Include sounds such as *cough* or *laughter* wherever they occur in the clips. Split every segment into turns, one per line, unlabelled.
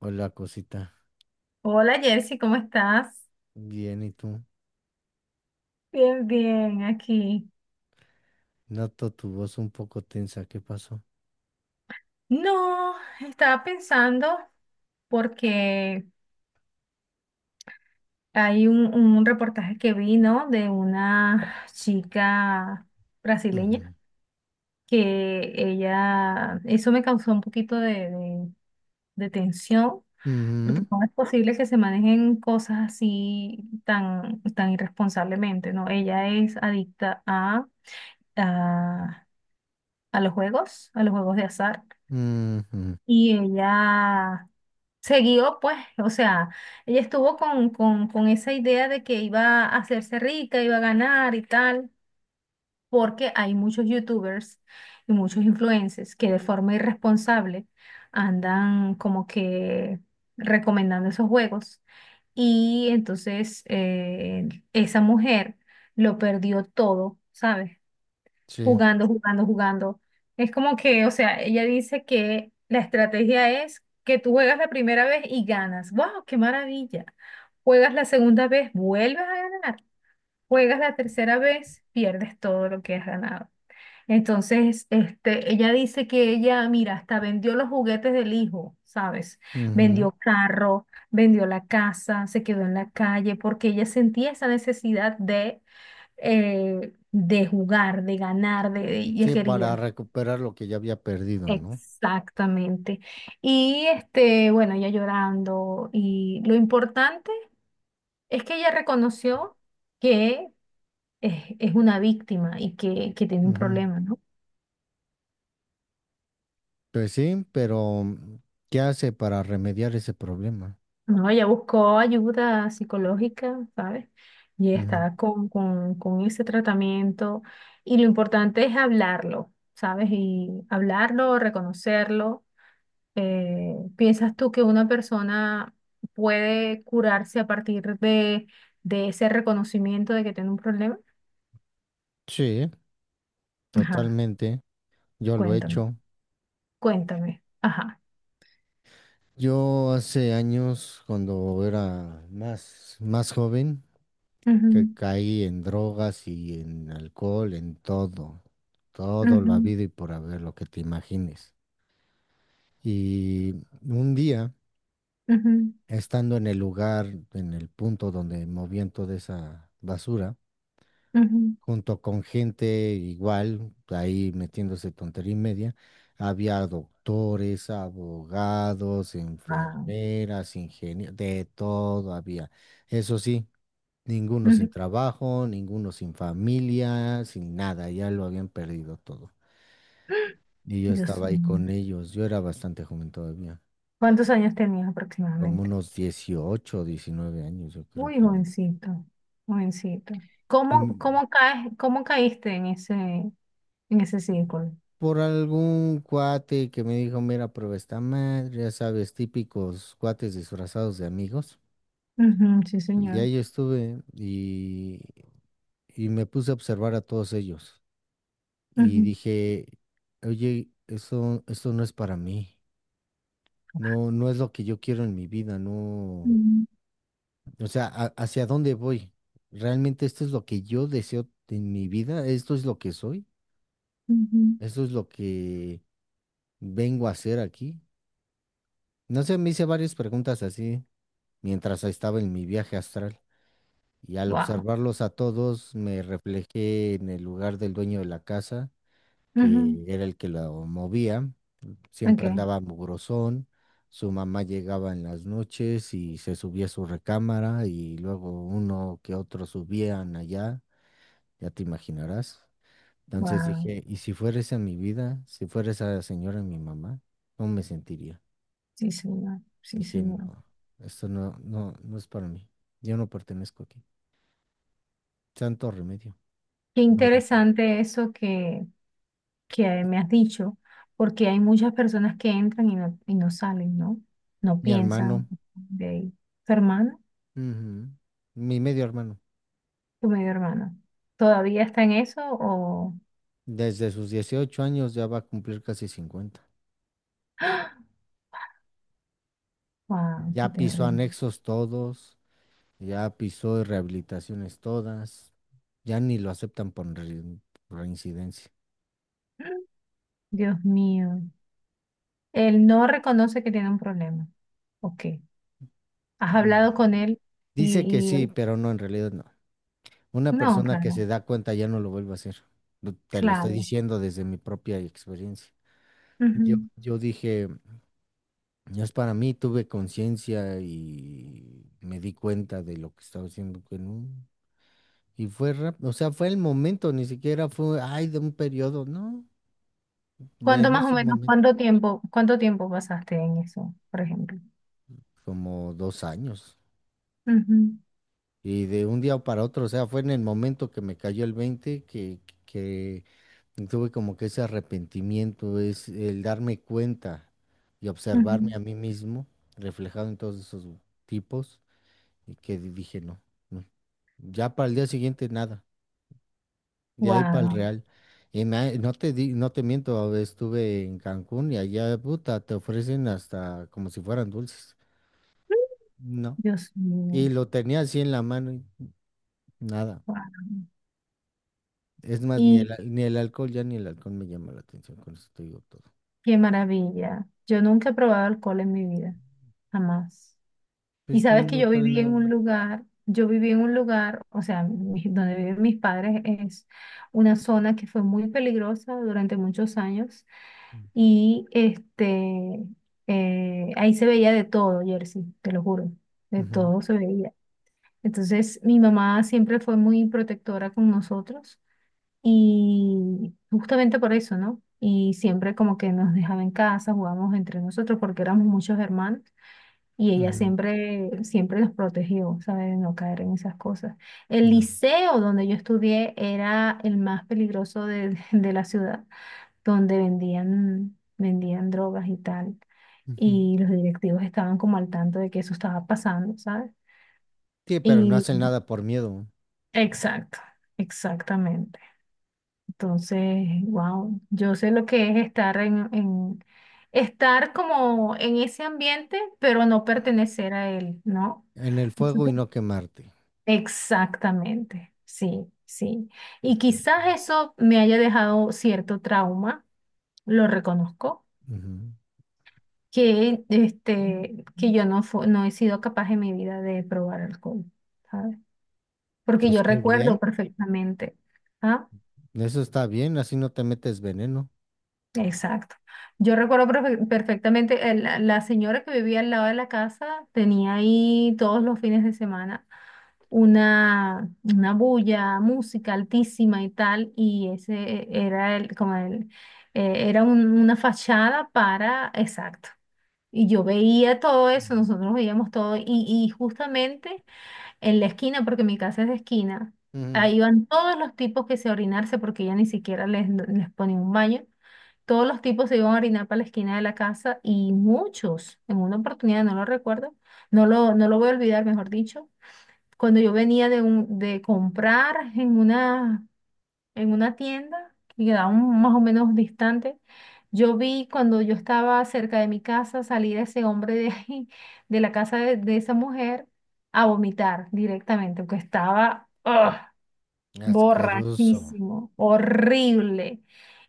Hola, cosita.
Hola Jersey, ¿cómo estás?
Bien, ¿y tú?
Bien, bien, aquí.
Noto tu voz un poco tensa. ¿Qué pasó?
No, estaba pensando porque hay un reportaje que vi, ¿no?, de una chica brasileña
Ujú,
que ella, eso me causó un poquito de tensión, porque
ujú,
no es posible que se manejen cosas así tan, tan irresponsablemente, ¿no? Ella es adicta a, a los juegos, a los juegos de azar.
ujú,
Y ella siguió, pues, o sea, ella estuvo con esa idea de que iba a hacerse rica, iba a ganar y tal, porque hay muchos youtubers y muchos influencers que de forma irresponsable andan como que recomendando esos juegos. Y entonces esa mujer lo perdió todo, ¿sabes?
sí,
Jugando, jugando, jugando. Es como que, o sea, ella dice que la estrategia es que tú juegas la primera vez y ganas. ¡Wow! ¡Qué maravilla! Juegas la segunda vez, vuelves a ganar. Juegas la tercera vez, pierdes todo lo que has ganado. Entonces, este, ella dice que ella, mira, hasta vendió los juguetes del hijo, ¿sabes?
ujú.
Vendió carro, vendió la casa, se quedó en la calle porque ella sentía esa necesidad de jugar, de ganar, y es
Sí, para
querida.
recuperar lo que ya había perdido, ¿no?
Exactamente. Y este, bueno, ella llorando. Y lo importante es que ella reconoció que es una víctima y que tiene un
Ujú.
problema, ¿no?
Pues sí, pero ¿qué hace para remediar ese problema?
No, ella buscó ayuda psicológica, ¿sabes? Y
Ujú.
está con ese tratamiento. Y lo importante es hablarlo, ¿sabes? Y hablarlo, reconocerlo. ¿Piensas tú que una persona puede curarse a partir de ese reconocimiento de que tiene un problema?
Sí,
Ajá,
totalmente. Yo lo he
cuéntame,
hecho.
cuéntame. Ajá.
Yo hace años, cuando era más joven, que
Ujú,
caí en drogas y en alcohol, en todo, todo lo
ujú,
habido y por haber, lo que te imagines. Y un día,
ujú,
estando en el lugar, en el punto donde movían toda esa basura,
ujú.
junto con gente igual, ahí metiéndose tontería y media, había doctores, abogados,
Wow.
enfermeras, ingenieros, de todo había. Eso sí. Ninguno sin
Ujú.
trabajo, ninguno sin familia, sin nada, ya lo habían perdido todo.
*gasps*
Y yo
Dios
estaba ahí
mío.
con ellos, yo era bastante joven todavía,
¿Cuántos años tenías
como
aproximadamente?
unos 18 19 años, yo creo,
Muy
por ahí.
jovencito, jovencito.
Y
¿Cómo,
m-
cómo caes, cómo caíste en ese círculo?
por algún cuate que me dijo, mira, prueba esta madre, ya sabes, típicos cuates disfrazados de amigos.
Ujú, sí,
Y
señor.
ahí estuve y me puse a observar a todos ellos. Y dije, oye, eso no es para mí. No, no es lo que yo quiero en mi vida, no. O sea, ¿hacia dónde voy? ¿Realmente esto es lo que yo deseo en mi vida? ¿Esto es lo que soy? ¿Esto es lo que vengo a hacer aquí? No sé, me hice varias preguntas así mientras estaba en mi viaje astral y al
Wow.
observarlos a todos me reflejé en el lugar del dueño de la casa,
Ujú,
que era el que lo movía. Siempre
ok,
andaba mugrosón, su mamá llegaba en las noches y se subía a su recámara y luego uno que otro subían allá, ya te imaginarás. Entonces
wow,
dije, ¿y si fuera esa mi vida? Si fuera esa señora mi mamá, ¿cómo me sentiría?
sí señor, sí
Dije,
señor.
no, esto no, no, no es para mí. Yo no pertenezco aquí. Santo remedio.
Qué
Lo dejé.
interesante eso que
Y
me has dicho, porque hay muchas personas que entran y no salen, ¿no? No
Mi
piensan
hermano,
de ahí. ¿Tu hermana?
ujú, mi medio hermano,
¿Tu medio hermana? ¿Todavía está en eso o...?
desde sus 18 años ya va a cumplir casi 50.
*gasps* Wow, qué
Ya pisó
terrible.
anexos todos, ya pisó rehabilitaciones todas, ya ni lo aceptan por reincidencia.
*gasps* Dios mío. Él no reconoce que tiene un problema. Ok. ¿Has
No.
hablado con él
Dice que
y
sí,
él-
pero no, en realidad no. Una
No,
persona que se
claro,
da cuenta ya no lo vuelve a hacer. Te lo estoy
claro.
diciendo desde mi propia experiencia. Yo,
Ujú.
yo dije, ya es para mí, tuve conciencia y me di cuenta de lo que estaba haciendo que no. Y fue rápido, o sea, fue el momento, ni siquiera fue, ay, de un periodo, no, de
¿Cuánto
en
más o
ese
menos,
momento.
cuánto tiempo pasaste en eso, por ejemplo?
Como 2 años.
Ujú,
Y de un día para otro, o sea, fue en el momento que me cayó el veinte, que tuve como que ese arrepentimiento, es el darme cuenta y observarme
ujú.
a mí mismo reflejado en todos esos tipos y que dije, no, no. Ya para el día siguiente nada, de ahí para el
Wow,
Real. Y no te miento, estuve en Cancún y allá, puta, te ofrecen hasta como si fueran dulces. No.
Dios
Y
mío,
lo tenía así en la mano y nada.
wow.
Es más, ni
Y
el, ni el alcohol, ya ni el alcohol me llama la atención, con eso te digo todo.
qué maravilla. Yo nunca he probado alcohol en mi vida, jamás. Y
Pues no,
sabes que
no
yo
trae
viví en
nada.
un lugar, yo viví en un lugar, o sea, mi- donde viven mis padres es una zona que fue muy peligrosa durante muchos años y este, ahí se veía de todo, Jersey, te lo juro, de
Ujú,
todo se veía. Entonces, mi mamá siempre fue muy protectora con nosotros y justamente por eso, ¿no? Y siempre como que nos dejaba en casa, jugábamos entre nosotros porque éramos muchos hermanos y ella
ujú,
siempre, siempre nos protegió, ¿sabes? De no caer en esas cosas. El
no,
liceo donde yo estudié era el más peligroso de, *laughs* de la ciudad, donde vendían, vendían drogas y tal.
ujú.
Y los directivos estaban como al tanto de que eso estaba pasando, ¿sabes?
Sí, pero no
Y
hacen nada por miedo.
exacto, exactamente. Entonces, wow, yo sé lo que es estar en- estar como en ese ambiente, pero no pertenecer a él, ¿no?
En el fuego y
Entonces,
no quemarte.
exactamente, sí, sí. Y quizás eso me haya dejado cierto trauma, lo reconozco,
Ujú.
que este, que yo no fu- no he sido capaz en mi vida de probar alcohol, ¿sabes? Porque
Pues
yo
qué
recuerdo
bien,
perfectamente. ¿Ah?
eso está bien, así no te metes veneno.
Exacto. Yo recuerdo perfe- perfectamente, el- la señora que vivía al lado de la casa tenía ahí todos los fines de semana una bulla, música altísima y tal, y ese era el, como el, era un- una fachada para, exacto. Y yo veía todo eso, nosotros veíamos todo, y justamente en la esquina, porque mi casa es de esquina,
Ujú.
ahí iban todos los tipos que se orinarse porque ella ni siquiera les, les ponía un baño. Todos los tipos se iban a orinar para la esquina de la casa y muchos, en una oportunidad, no lo recuerdo, no lo, no lo voy a olvidar, mejor dicho, cuando yo venía de, un, de comprar en una tienda que quedaba un- más o menos distante, yo vi cuando yo estaba cerca de mi casa salir a ese hombre de ahí, de la casa de esa mujer, a vomitar directamente, porque estaba... ¡Ugh!
Asqueroso.
Borrachísimo, horrible.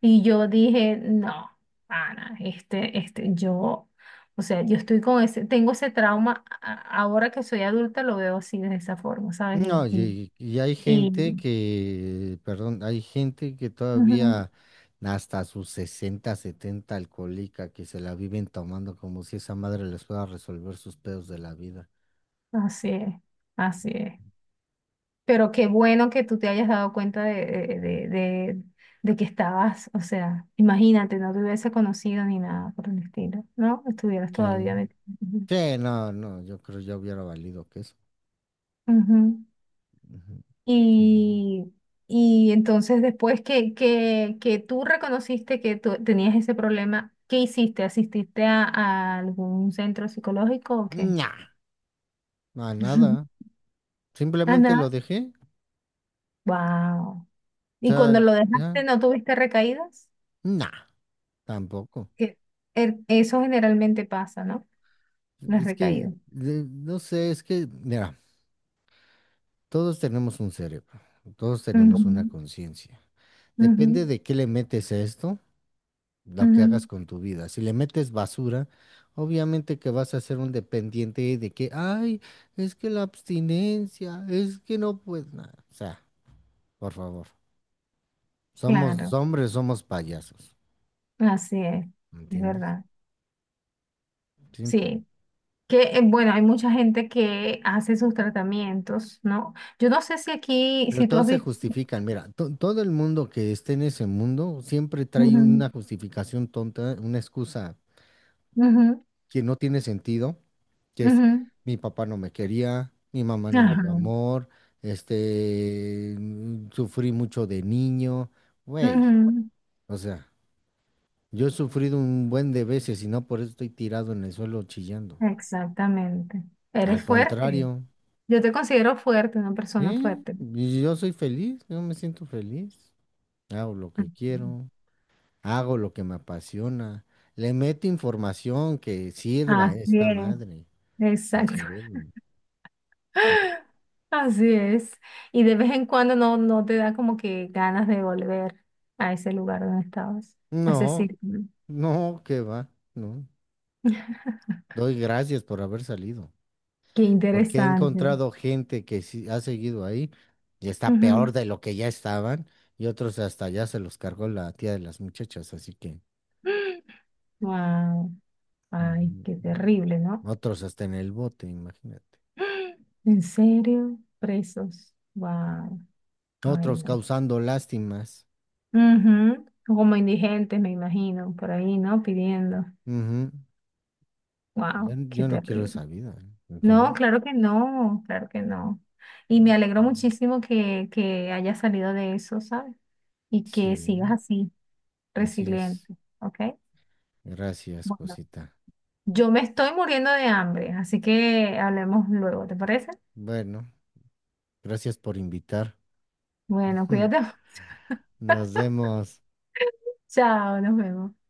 Y yo dije, no, Ana, este, yo, o sea, yo estoy con ese, tengo ese trauma, a- ahora que soy adulta lo veo así, de esa forma, ¿sabes?
No, y hay gente
Y-
que, perdón, hay gente que
Ujú.
todavía hasta sus 60 70 alcohólica que se la viven tomando como si esa madre les pueda resolver sus pedos de la vida.
Así es, así es. Pero qué bueno que tú te hayas dado cuenta de que estabas, o sea, imagínate, no te hubiese conocido ni nada por el estilo, ¿no? Estuvieras todavía
Sí.
metido.
Sí, no, no, yo creo ya hubiera valido que eso.
Ujú.
Ujú. Sí.
Y, y entonces después que tú reconociste que tú tenías ese problema, ¿qué hiciste? ¿Asististe a algún centro psicológico o qué?
Nah, no, nada.
*laughs* Ah,
Simplemente lo
nada.
dejé.
Wow.
O
¿Y cuando
sea,
lo
ya,
dejaste no tuviste recaídas?
nah, tampoco.
Que e- eso generalmente pasa, ¿no? Las
Es que,
recaídas.
no sé, es que, mira. Todos tenemos un cerebro, todos
Ujú,
tenemos una conciencia.
ujú,
Depende de qué le metes a esto, lo que
ujú.
hagas con tu vida. Si le metes basura, obviamente que vas a ser un dependiente de que, ay, es que la abstinencia, es que no puedes nada. O sea, por favor, somos
Claro,
hombres, somos payasos,
así
¿me
es
¿entiendes?
verdad.
Simple.
Sí. Que, bueno, hay mucha gente que hace sus tratamientos, ¿no? Yo no sé si aquí,
Pero
si tú has
todos se
visto...
justifican. Mira, todo el mundo que esté en ese mundo siempre trae una
Ujú,
justificación tonta, una excusa
ujú,
que no tiene sentido, que es
ujú,
mi papá no me quería, mi mamá no me dio
ajá,
amor, este, sufrí mucho de niño, güey,
ujú,
o sea, yo he sufrido un buen de veces y no por eso estoy tirado en el suelo chillando.
exactamente.
Al
Eres fuerte.
contrario,
Yo te considero fuerte, una persona
¿eh?
fuerte.
Y yo soy feliz, yo me siento feliz, hago lo
Ujú.
que quiero, hago lo que me apasiona, le meto información que sirva a
Así
esta
es,
madre al
exacto. *laughs*
cerebro. O sea,
Así es. Y de vez en cuando no, no te da como que ganas de volver a ese lugar donde estabas, a ese
no,
círculo.
no, qué va, no. Doy gracias por haber salido,
Qué
porque he
interesante.
encontrado gente que sí ha seguido ahí y está peor de lo que ya estaban, y otros hasta ya se los cargó la tía de las muchachas, así que
Wow. *gasps* Ay,
ujú,
qué terrible, ¿no?
otros hasta en el bote, imagínate.
*gasps* ¿En serio? Presos. Wow. Ay,
Otros
no.
causando lástimas.
Ujú, como indigentes, me imagino, por ahí, ¿no? Pidiendo.
Ujú. Ya
Wow,
yo
qué
no quiero
terrible.
esa vida, ¿eh? No,
No,
no.
claro que no, claro que no. Y me alegro muchísimo que hayas salido de eso, ¿sabes? Y que sigas
Sí,
así,
así es.
resiliente, ¿ok?
Gracias,
Bueno,
cosita.
yo me estoy muriendo de hambre, así que hablemos luego, ¿te parece?
Bueno, gracias por invitar.
Bueno, cuídate.
*laughs*
*laughs*
Nos vemos.
Chao, nos vemos.